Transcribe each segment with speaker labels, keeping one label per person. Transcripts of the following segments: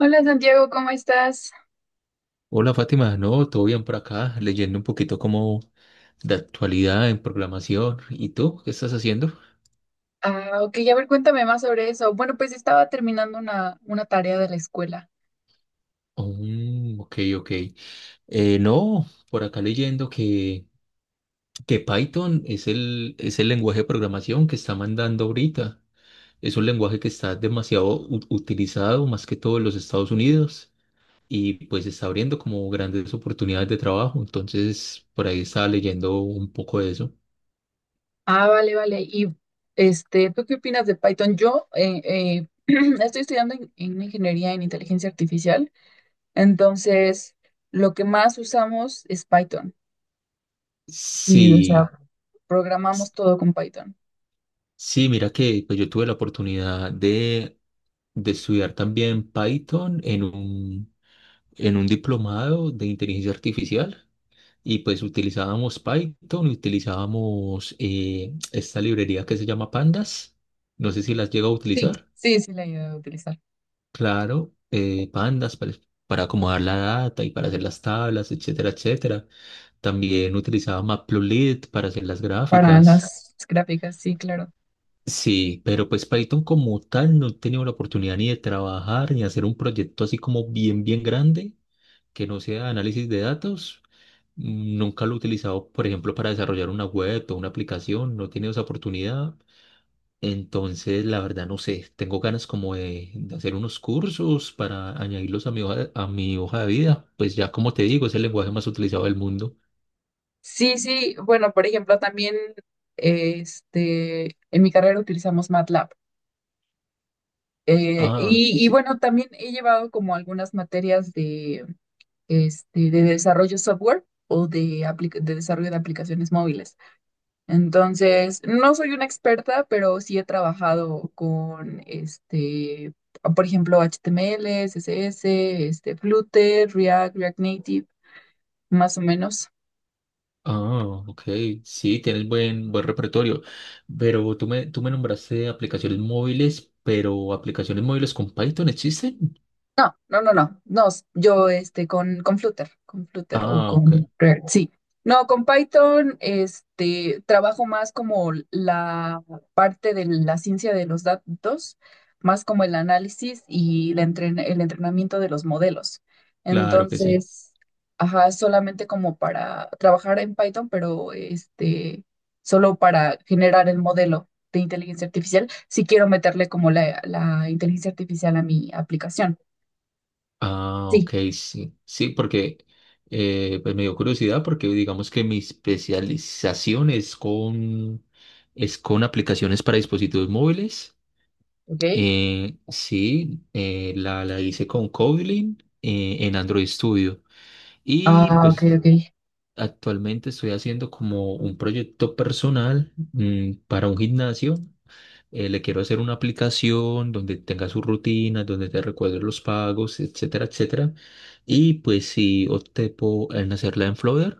Speaker 1: Hola Santiago, ¿cómo estás?
Speaker 2: Hola Fátima, no, todo bien por acá, leyendo un poquito como de actualidad en programación. ¿Y tú qué estás haciendo?
Speaker 1: Ah, ok, a ver, cuéntame más sobre eso. Bueno, pues estaba terminando una tarea de la escuela.
Speaker 2: Mm, ok, ok. No, por acá leyendo que Python es es el lenguaje de programación que está mandando ahorita. Es un lenguaje que está demasiado utilizado, más que todo en los Estados Unidos, y pues está abriendo como grandes oportunidades de trabajo. Entonces, por ahí estaba leyendo un poco de eso.
Speaker 1: Ah, vale, vale. Y este, ¿tú qué opinas de Python? Yo estoy estudiando en ingeniería en inteligencia artificial, entonces lo que más usamos es Python. Sí, o sea,
Speaker 2: Sí.
Speaker 1: programamos todo con Python.
Speaker 2: Sí, mira que pues yo tuve la oportunidad de estudiar también Python en en un diplomado de inteligencia artificial y pues utilizábamos Python y utilizábamos esta librería que se llama Pandas. No sé si las llega a
Speaker 1: Sí,
Speaker 2: utilizar.
Speaker 1: sí, sí, la he ido a utilizar
Speaker 2: Claro, Pandas para acomodar la data y para hacer las tablas, etcétera, etcétera. También utilizaba Matplotlib para hacer las
Speaker 1: para
Speaker 2: gráficas.
Speaker 1: las gráficas, sí, claro.
Speaker 2: Sí, pero pues Python como tal no he tenido la oportunidad ni de trabajar ni hacer un proyecto así como bien grande, que no sea análisis de datos. Nunca lo he utilizado, por ejemplo, para desarrollar una web o una aplicación, no he tenido esa oportunidad. Entonces, la verdad, no sé, tengo ganas como de hacer unos cursos para añadirlos a mi hoja de vida. Pues ya como te digo, es el lenguaje más utilizado del mundo.
Speaker 1: Sí, sí, bueno, por ejemplo, también este, en mi carrera utilizamos MATLAB.
Speaker 2: Ah,
Speaker 1: Y
Speaker 2: sí.
Speaker 1: bueno, también he llevado como algunas materias de, este, de desarrollo software o de, de desarrollo de aplicaciones móviles. Entonces, no soy una experta, pero sí he trabajado con, este, por ejemplo, HTML, CSS, este, Flutter, React, React Native, más o menos.
Speaker 2: Ah, ok. Sí, tienes buen repertorio. Pero tú me nombraste aplicaciones móviles, pero ¿aplicaciones móviles con Python existen?
Speaker 1: No, no, no, no, no, yo este con, con Flutter o
Speaker 2: Ah, ok.
Speaker 1: con React, sí. No, con Python este trabajo más como la parte de la ciencia de los datos, más como el análisis y la el entrenamiento de los modelos.
Speaker 2: Claro que sí.
Speaker 1: Entonces, ajá, solamente como para trabajar en Python, pero este solo para generar el modelo de inteligencia artificial, si quiero meterle como la inteligencia artificial a mi aplicación.
Speaker 2: Ah, ok,
Speaker 1: Sí.
Speaker 2: sí. Sí, porque pues me dio curiosidad porque digamos que mi especialización es es con aplicaciones para dispositivos móviles.
Speaker 1: ¿Ok?
Speaker 2: La hice con Kotlin en Android Studio. Y
Speaker 1: Ah, ok,
Speaker 2: pues
Speaker 1: ok.
Speaker 2: actualmente estoy haciendo como un proyecto personal para un gimnasio. Le quiero hacer una aplicación donde tenga sus rutinas, donde te recuerde los pagos, etcétera, etcétera. Y pues sí, opté por en hacerla en Flutter,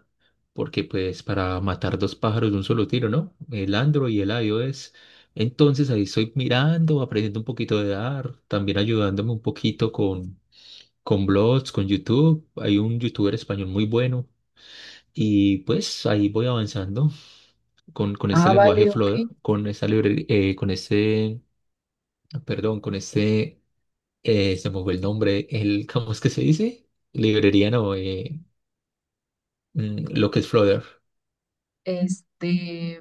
Speaker 2: porque pues para matar dos pájaros de un solo tiro, ¿no? El Android y el iOS. Entonces ahí estoy mirando, aprendiendo un poquito de art, también ayudándome un poquito con blogs, con YouTube. Hay un youtuber español muy bueno y pues ahí voy avanzando con este
Speaker 1: Ah,
Speaker 2: lenguaje
Speaker 1: vale, ok.
Speaker 2: Flutter, con esta perdón, se me fue el nombre, el, ¿cómo es que se dice? Librería, no, lo que es Flutter.
Speaker 1: Este,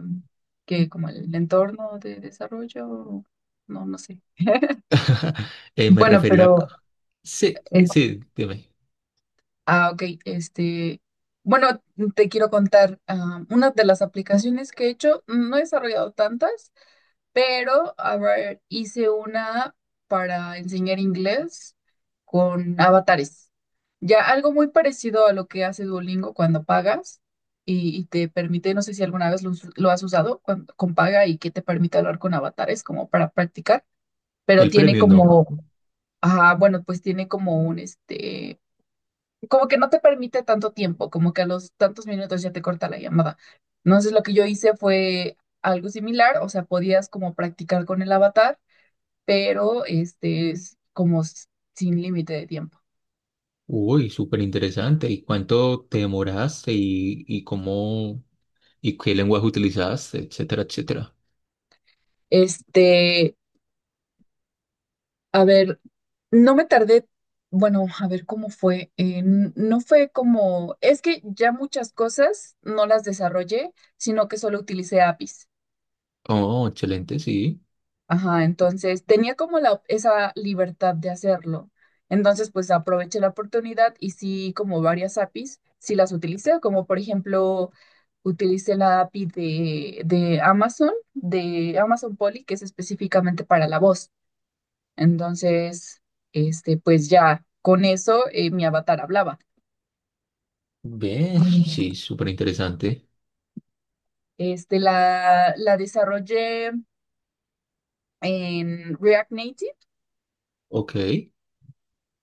Speaker 1: que como el entorno de desarrollo, no, no sé.
Speaker 2: Me
Speaker 1: Bueno,
Speaker 2: refería a...
Speaker 1: pero,
Speaker 2: Sí,
Speaker 1: eh,
Speaker 2: sí, dime.
Speaker 1: ah, ok, este, bueno, te quiero contar, ah, una de las aplicaciones que he hecho, no he desarrollado tantas. Pero, a ver, hice una para enseñar inglés con avatares. Ya algo muy parecido a lo que hace Duolingo cuando pagas y te permite, no sé si alguna vez lo, lo has usado cuando con paga y que te permite hablar con avatares como para practicar, pero
Speaker 2: El
Speaker 1: tiene
Speaker 2: premio no.
Speaker 1: como, ah, bueno, pues tiene como un, este, como que no te permite tanto tiempo, como que a los tantos minutos ya te corta la llamada. Entonces lo que yo hice fue algo similar, o sea, podías como practicar con el avatar, pero este es como sin límite de tiempo.
Speaker 2: Uy, súper interesante. ¿Y cuánto te demoraste y cómo? Y qué lenguaje utilizabas, etcétera, etcétera.
Speaker 1: Este, a ver, no me tardé, bueno, a ver cómo fue. No fue como, es que ya muchas cosas no las desarrollé, sino que solo utilicé APIs.
Speaker 2: Oh, excelente, sí.
Speaker 1: Ajá, entonces tenía como la, esa libertad de hacerlo. Entonces, pues aproveché la oportunidad y sí, como varias APIs, sí las utilicé, como por ejemplo, utilicé la API de Amazon, de Amazon Polly que es específicamente para la voz. Entonces, este, pues ya con eso mi avatar hablaba.
Speaker 2: Ve,
Speaker 1: Eh,
Speaker 2: sí, súper interesante.
Speaker 1: Este, la desarrollé en React Native
Speaker 2: Ok.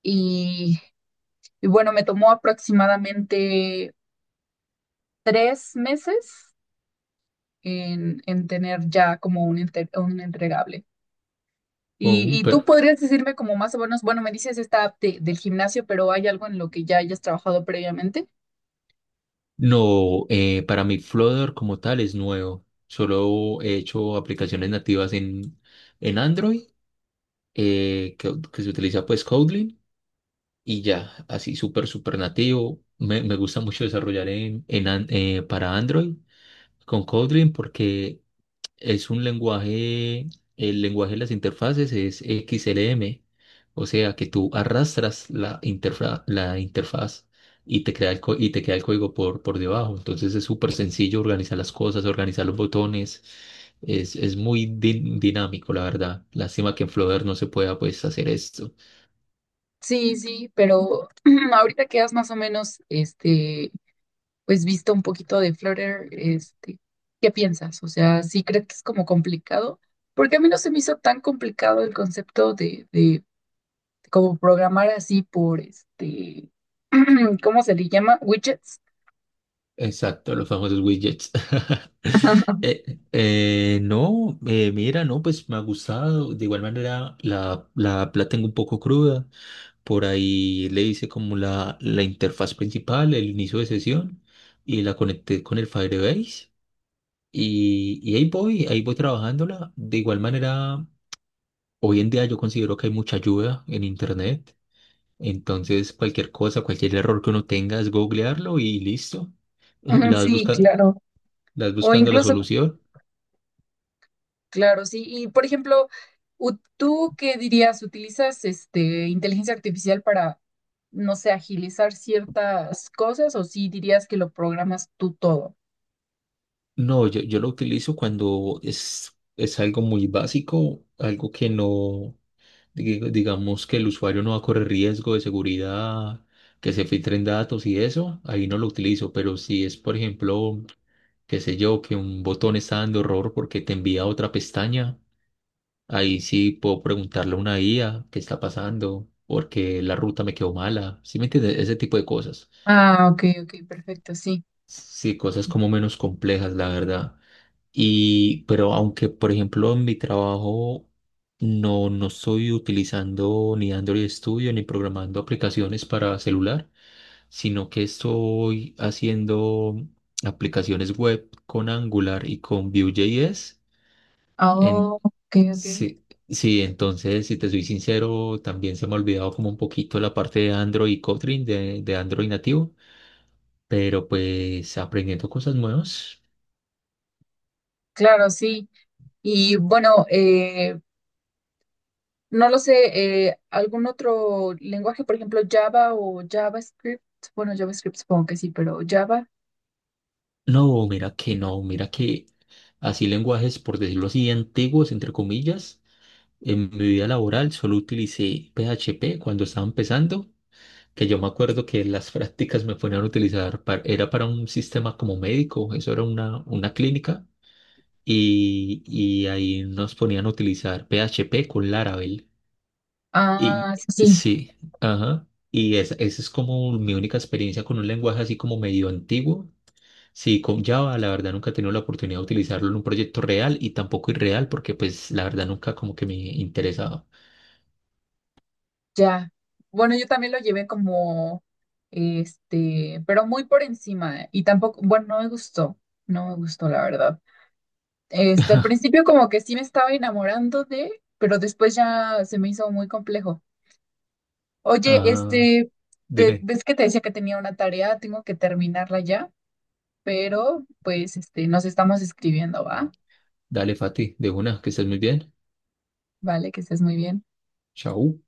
Speaker 1: y, y bueno, me tomó aproximadamente tres meses en tener ya como un, un entregable. Y tú
Speaker 2: Pero
Speaker 1: podrías decirme como más o menos, bueno, me dices esta app del gimnasio, pero hay algo en lo que ya hayas trabajado previamente.
Speaker 2: no, para mí Flutter como tal es nuevo. Solo he hecho aplicaciones nativas en Android, que se utiliza pues Kotlin y ya, así súper nativo. Me gusta mucho desarrollar para Android con Kotlin porque es un lenguaje, el lenguaje de las interfaces es XLM, o sea que tú arrastras la interfaz y te crea y te queda el código por debajo. Entonces es súper sencillo organizar las cosas, organizar los botones. Es muy dinámico, la verdad. Lástima que en Flutter no se pueda pues hacer esto.
Speaker 1: Sí, sí, pero ahorita que has más o menos, este, pues visto un poquito de Flutter, este, ¿qué piensas? O sea, ¿sí crees que es como complicado? Porque a mí no se me hizo tan complicado el concepto de como programar así por, este, ¿cómo se le llama? Widgets.
Speaker 2: Exacto, los famosos widgets. No, mira, no, pues me ha gustado. De igual manera, la tengo un poco cruda. Por ahí le hice como la interfaz principal, el inicio de sesión, y la conecté con el Firebase. Y ahí voy trabajándola. De igual manera, hoy en día yo considero que hay mucha ayuda en Internet. Entonces, cualquier cosa, cualquier error que uno tenga es googlearlo y listo.
Speaker 1: Ujú,
Speaker 2: La vas
Speaker 1: sí,
Speaker 2: buscando,
Speaker 1: claro.
Speaker 2: ¿estás
Speaker 1: O
Speaker 2: buscando la
Speaker 1: incluso,
Speaker 2: solución?
Speaker 1: claro, sí. Y por ejemplo, ¿tú qué dirías? ¿Utilizas este inteligencia artificial para, no sé, agilizar ciertas cosas o sí dirías que lo programas tú todo?
Speaker 2: No, yo lo utilizo cuando es algo muy básico, algo que no, digamos que el usuario no va a correr riesgo de seguridad, que se filtren datos y eso, ahí no lo utilizo, pero si es, por ejemplo, qué sé yo, que un botón está dando error porque te envía a otra pestaña, ahí sí puedo preguntarle a una IA qué está pasando, porque la ruta me quedó mala, ¿sí me entiendes? Ese tipo de cosas.
Speaker 1: Ah, ok, ok, perfecto, sí.
Speaker 2: Sí, cosas como menos complejas, la verdad. Y, pero aunque, por ejemplo, en mi trabajo no estoy utilizando ni Android Studio ni programando aplicaciones para celular, sino que estoy haciendo aplicaciones web con Angular y con Vue.js.
Speaker 1: Ah,
Speaker 2: En,
Speaker 1: ok, ok.
Speaker 2: sí, sí, entonces, si te soy sincero, también se me ha olvidado como un poquito la parte de Android y Kotlin, de Android nativo, pero pues aprendiendo cosas nuevas.
Speaker 1: Claro, sí. Y bueno, no lo sé, algún otro lenguaje, por ejemplo, Java o JavaScript. Bueno, JavaScript supongo que sí, pero Java.
Speaker 2: No, mira que no, mira que así lenguajes, por decirlo así, antiguos, entre comillas, en mi vida laboral solo utilicé PHP cuando estaba empezando, que yo me acuerdo que las prácticas me ponían a utilizar, era para un sistema como médico, eso era una clínica, y ahí nos ponían a utilizar PHP con Laravel. Y
Speaker 1: Ah, sí, sí,
Speaker 2: sí, ajá, y esa es como mi única experiencia con un lenguaje así como medio antiguo. Sí, con Java la verdad nunca he tenido la oportunidad de utilizarlo en un proyecto real y tampoco irreal porque pues la verdad nunca como que me interesaba.
Speaker 1: ya. Bueno, yo también lo llevé como, este, pero muy por encima. Y tampoco, bueno, no me gustó, la verdad. Este, al principio como que sí me estaba enamorando de, pero después ya se me hizo muy complejo. Oye,
Speaker 2: Ah,
Speaker 1: este,
Speaker 2: dime,
Speaker 1: ves que te decía que tenía una tarea, tengo que terminarla ya, pero pues este, nos estamos escribiendo, ¿va?
Speaker 2: dale Fati, de una, que estés muy bien.
Speaker 1: Vale, que estés muy bien.
Speaker 2: Chao.